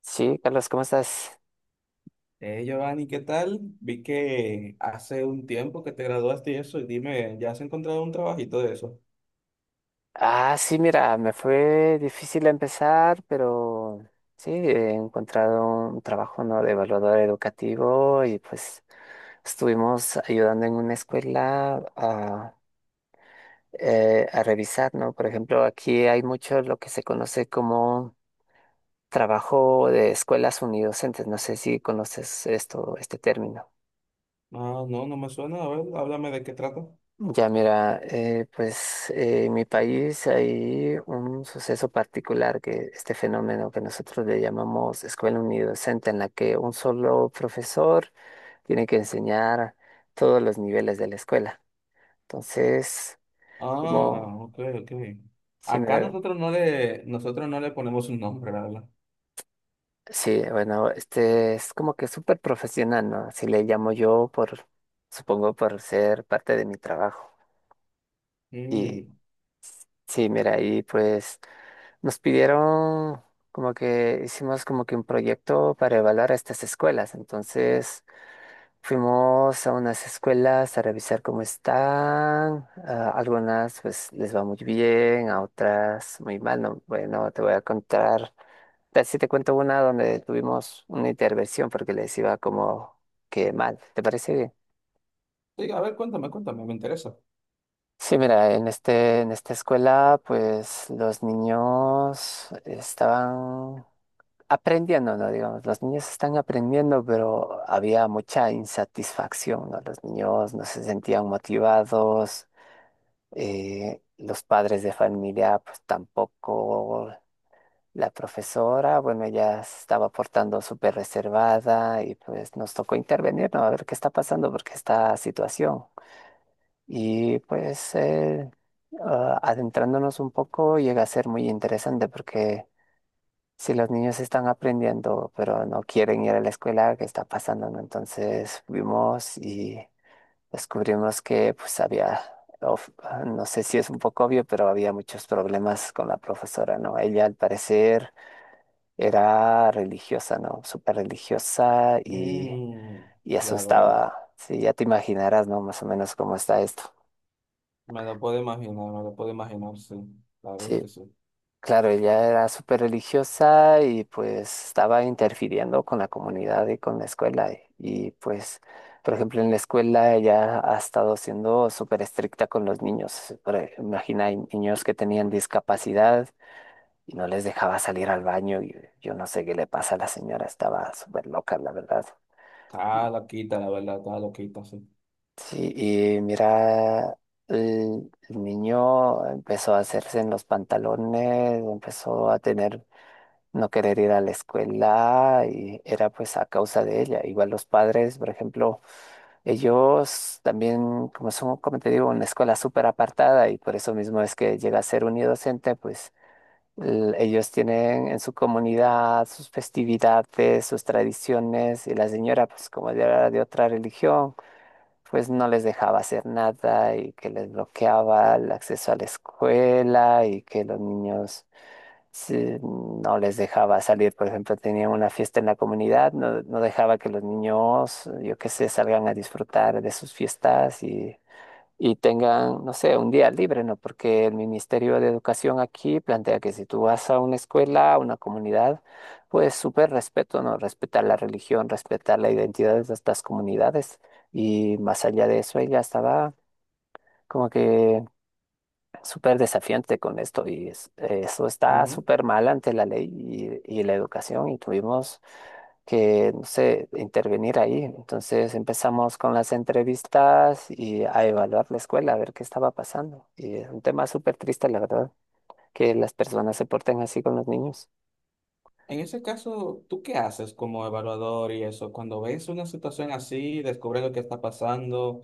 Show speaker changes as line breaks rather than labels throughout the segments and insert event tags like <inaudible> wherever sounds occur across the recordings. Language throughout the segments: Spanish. Sí, Carlos, ¿cómo estás?
Giovanni, ¿qué tal? Vi que hace un tiempo que te graduaste y eso, y dime, ¿ya has encontrado un trabajito de eso?
Ah, sí, mira, me fue difícil empezar, pero sí, he encontrado un trabajo, ¿no? De evaluador educativo y pues estuvimos ayudando en una escuela a revisar, ¿no? Por ejemplo, aquí hay mucho lo que se conoce como trabajo de escuelas unidocentes. No sé si conoces esto, este término.
Ah, no, no me suena. A ver, háblame de qué trata.
Ya mira, pues en mi país hay un suceso particular que este fenómeno que nosotros le llamamos escuela unidocente, en la que un solo profesor tiene que enseñar todos los niveles de la escuela. Entonces,
Ah,
como
ok, ok.
si
Acá
me,
nosotros no le ponemos un nombre, la verdad.
sí, bueno, este es como que súper profesional, ¿no? Así le llamo yo por, supongo por ser parte de mi trabajo. Y
Mm.
sí, mira, ahí pues. Nos pidieron como que hicimos como que un proyecto para evaluar estas escuelas. Entonces fuimos a unas escuelas a revisar cómo están. A algunas pues les va muy bien, a otras muy mal. No, bueno, te voy a contar. Tal si te cuento una donde tuvimos una intervención porque les iba como que mal. ¿Te parece bien?
Sí, a ver, cuéntame, cuéntame, me interesa.
Sí, mira, en esta escuela, pues los niños estaban aprendiendo, ¿no? Digamos, los niños están aprendiendo, pero había mucha insatisfacción, ¿no? Los niños no se sentían motivados, los padres de familia, pues tampoco. La profesora, bueno, ella se estaba portando súper reservada y pues nos tocó intervenir, ¿no? A ver qué está pasando, porque esta situación. Y pues ah, adentrándonos un poco llega a ser muy interesante porque si los niños están aprendiendo, pero no quieren ir a la escuela, ¿qué está pasando, no? Entonces fuimos y descubrimos que pues había, of- no sé si es un poco obvio, pero había muchos problemas con la profesora, ¿no? Ella al parecer era religiosa, ¿no? Súper religiosa
Mm,
y eso
ya veo.
estaba, si ya te imaginarás, ¿no? Más o menos cómo está esto.
Me lo puedo imaginar, me lo puedo imaginar, sí. Claro
Sí,
que sí.
claro, ella era súper religiosa y pues estaba interfiriendo con la comunidad y con la escuela. Pues, por ejemplo, en la escuela ella ha estado siendo súper estricta con los niños. Imagina, hay niños que tenían discapacidad y no les dejaba salir al baño. Y yo no sé qué le pasa a la señora, estaba súper loca, la verdad.
Está loquita, la verdad, está loquita, sí.
Sí, y mira, el niño empezó a hacerse en los pantalones, empezó a tener no querer ir a la escuela y era pues a causa de ella. Igual los padres, por ejemplo, ellos también, como son, como te digo, una escuela súper apartada y por eso mismo es que llega a ser unidocente, pues ellos tienen en su comunidad sus festividades, sus tradiciones y la señora, pues como ya era de otra religión, pues no les dejaba hacer nada y que les bloqueaba el acceso a la escuela y que los niños no les dejaba salir, por ejemplo, tenían una fiesta en la comunidad, no, no dejaba que los niños, yo qué sé, salgan a disfrutar de sus fiestas y tengan, no sé, un día libre, ¿no? Porque el Ministerio de Educación aquí plantea que si tú vas a una escuela, a una comunidad, pues súper respeto, ¿no? Respetar la religión, respetar la identidad de estas comunidades y más allá de eso, ella estaba como que súper desafiante con esto y eso está súper mal ante la ley y la educación y tuvimos que, no sé, intervenir ahí. Entonces empezamos con las entrevistas y a evaluar la escuela, a ver qué estaba pasando. Y es un tema súper triste, la verdad, que las personas se porten así con los niños.
En ese caso, ¿tú qué haces como evaluador y eso? Cuando ves una situación así, descubres lo que está pasando,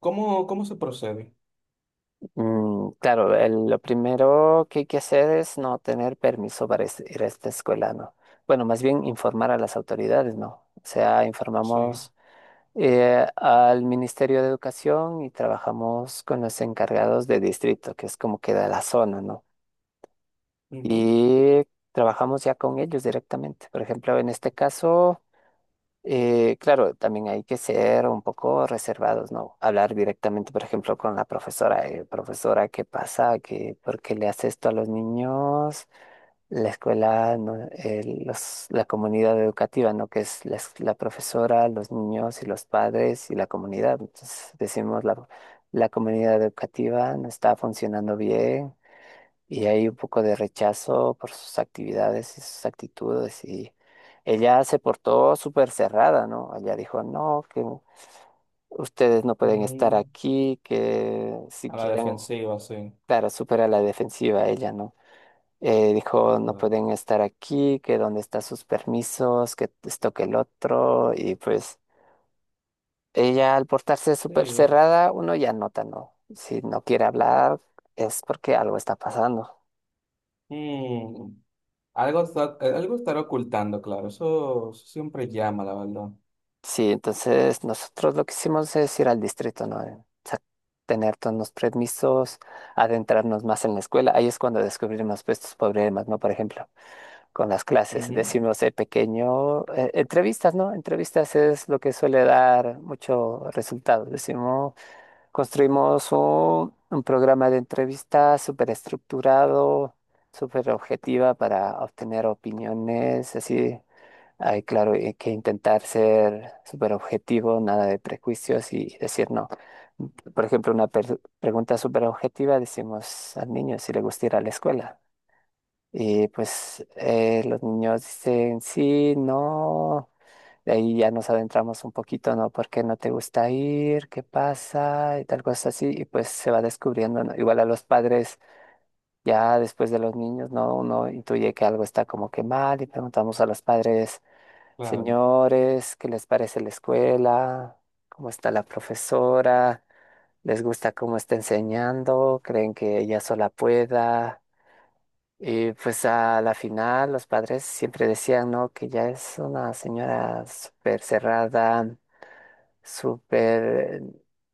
¿cómo, cómo se procede?
Mm, claro, lo primero que hay que hacer es no tener permiso para ir a esta escuela, ¿no? Bueno, más bien informar a las autoridades, ¿no? O sea,
Sí.
informamos al Ministerio de Educación y trabajamos con los encargados de distrito, que es como queda la zona, ¿no?
Ujú.
Y trabajamos ya con ellos directamente. Por ejemplo, en este caso, claro, también hay que ser un poco reservados, ¿no? Hablar directamente, por ejemplo, con la profesora, profesora, ¿qué pasa? ¿Qué, por qué le hace esto a los niños? La escuela, ¿no? La comunidad educativa, ¿no? Que es la, la profesora, los niños y los padres y la comunidad. Entonces decimos la comunidad educativa no está funcionando bien y hay un poco de rechazo por sus actividades y sus actitudes y ella se portó súper cerrada, ¿no? Ella dijo, no, que ustedes no pueden estar
Mm,
aquí, que si
a la
quieren,
defensiva, sí.
claro, súper a la defensiva ella, ¿no? Dijo, no
Bueno,
pueden estar aquí, que dónde están sus permisos, que esto, que el otro. Y pues ella al portarse súper
sí.
cerrada, uno ya nota, ¿no? Si no quiere hablar es porque algo está pasando.
Mm, algo está- algo estará ocultando, claro. Eso siempre llama, la verdad.
Sí, entonces nosotros lo que hicimos es ir al distrito, ¿no? Sa- Tener todos los permisos, adentrarnos más en la escuela. Ahí es cuando descubrimos pues, estos problemas, ¿no? Por ejemplo, con las clases.
Ujú,
Decimos de pequeño, entrevistas, ¿no? Entrevistas es lo que suele dar mucho resultado. Decimos, construimos un programa de entrevistas súper estructurado, súper objetiva para obtener opiniones, así. Hay claro, hay que intentar ser súper objetivo, nada de prejuicios y decir no. Por ejemplo, pregunta súper objetiva, decimos al niño si le gusta ir a la escuela. Y pues los niños dicen, sí, no, de ahí ya nos adentramos un poquito, ¿no? ¿Por qué no te gusta ir? ¿Qué pasa? Y tal cosa así, y pues se va descubriendo, ¿no? Igual a los padres, ya después de los niños, ¿no? Uno intuye que algo está como que mal y preguntamos a los padres,
claro.
señores, ¿qué les parece la escuela? ¿Cómo está la profesora? ¿Les gusta cómo está enseñando? ¿Creen que ella sola pueda? Y pues a la final los padres siempre decían, ¿no? Que ya es una señora súper cerrada, súper,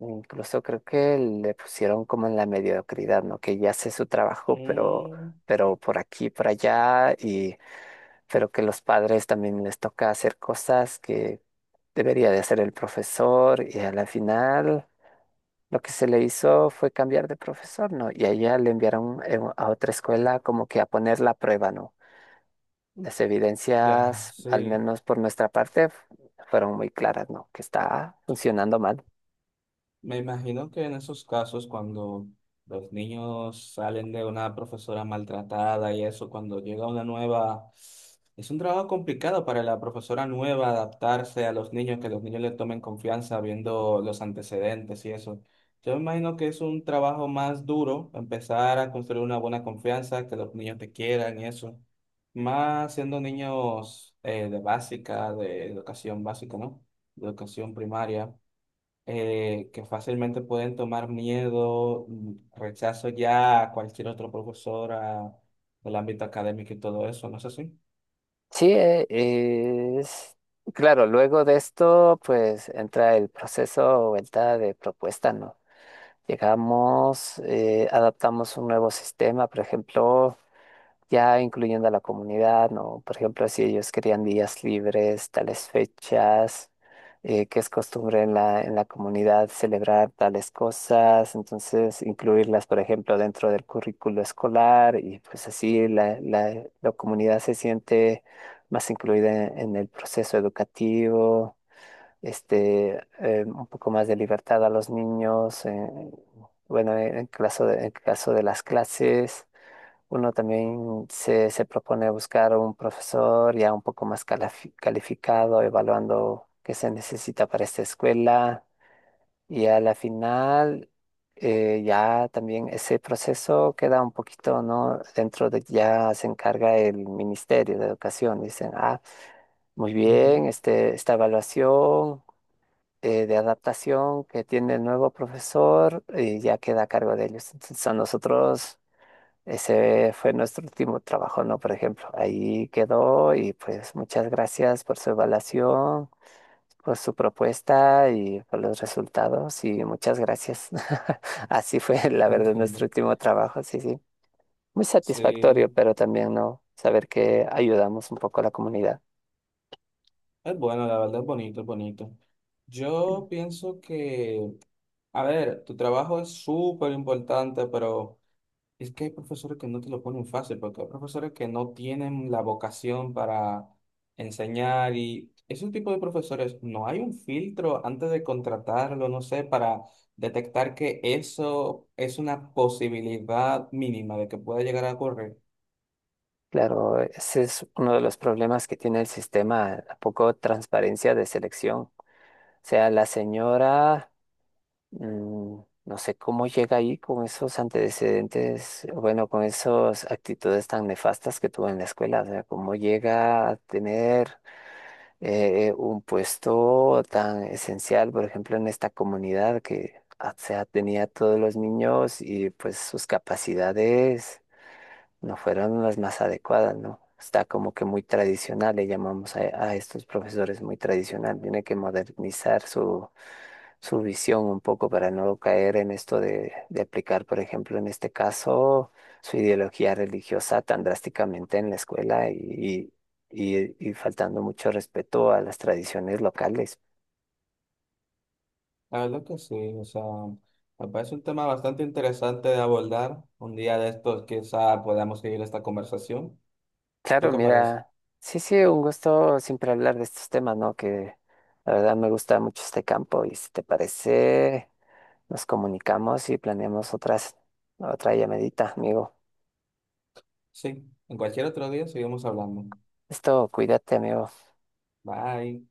incluso creo que le pusieron como en la mediocridad, ¿no? Que ya hace su trabajo,
Mm,
pero por aquí, por allá, y pero que los padres también les toca hacer cosas que debería de hacer el profesor, y a la final lo que se le hizo fue cambiar de profesor, ¿no? Y a ella le enviaron a otra escuela como que a poner la prueba, ¿no? Las
ya,
evidencias, al
sí.
menos por nuestra parte, fueron muy claras, ¿no? Que está funcionando mal.
Me imagino que en esos casos, cuando los niños salen de una profesora maltratada y eso, cuando llega una nueva, es un trabajo complicado para la profesora nueva adaptarse a los niños, que los niños le tomen confianza viendo los antecedentes y eso. Yo me imagino que es un trabajo más duro empezar a construir una buena confianza, que los niños te quieran y eso. Más siendo niños de básica, de educación básica, ¿no? De educación primaria que fácilmente pueden tomar miedo, mm, rechazo ya a cualquier otro profesora del ámbito académico y todo eso, ¿no es así?
Sí, es... Claro, luego de esto, pues entra el proceso o vuelta de propuesta, ¿no? Llegamos, adaptamos un nuevo sistema, por ejemplo. Ya incluyendo a la comunidad, ¿no? Por ejemplo, si ellos querían días libres, tales fechas, que es costumbre en la comunidad celebrar tales cosas, entonces incluirlas, por ejemplo, dentro del currículo escolar y pues así la comunidad se siente más incluida en el proceso educativo, este, un poco más de libertad a los niños, bueno, en caso de las clases. Uno también se propone buscar un profesor ya un poco más calificado, evaluando qué se necesita para esta escuela. Y a la final, ya también ese proceso queda un poquito, ¿no? Dentro de ya se encarga el Ministerio de Educación. Dicen, ah, muy
Ujú,
bien, este, esta evaluación de adaptación que tiene el nuevo profesor ya queda a cargo de ellos. Entonces, a nosotros. Ese fue nuestro último trabajo, ¿no? Por ejemplo, ahí quedó y pues muchas gracias por su evaluación, por su propuesta y por los resultados y muchas gracias. <laughs> Así fue, la verdad, nuestro
entiendo.
último trabajo, sí, sí. Muy satisfactorio,
Sí,
pero también, ¿no? Saber que ayudamos un poco a la comunidad.
es bueno, la verdad es bonito, es bonito. Yo pienso que, a ver, tu trabajo es súper importante, pero... Es que hay profesores que no te lo ponen fácil, porque hay profesores que no tienen la vocación para enseñar y ese tipo de profesores, no hay un filtro antes de contratarlo, no sé, para detectar que eso es una posibilidad mínima de que pueda llegar a ocurrir.
Claro, ese es uno de los problemas que tiene el sistema, la poco transparencia de selección. O sea, la señora... Mm, no sé cómo llega ahí con esos antecedentes, bueno, con esas actitudes tan nefastas que tuvo en la escuela, o sea, cómo llega a tener un puesto tan esencial, por ejemplo, en esta comunidad que, ah, o sea, tenía a todos los niños y pues sus capacidades no fueron las más adecuadas, ¿no? Está como que muy tradicional, le llamamos a estos profesores muy tradicional, tiene que modernizar su visión un poco para no caer en esto de aplicar, por ejemplo, en este caso, su ideología religiosa tan drásticamente en la escuela y faltando mucho respeto a las tradiciones locales.
La verdad que sí, o sea, me parece un tema bastante interesante de abordar. Un día de estos quizá podamos seguir esta conversación. ¿Tú
Claro,
qué parece?
mira, sí, sí, un gusto siempre hablar de estos temas, ¿no? Que la verdad me gusta mucho este campo y si te parece, nos comunicamos y planeamos otra llamadita, amigo.
Sí, en cualquier otro día seguimos hablando.
Esto, cuídate, amigo.
Bye.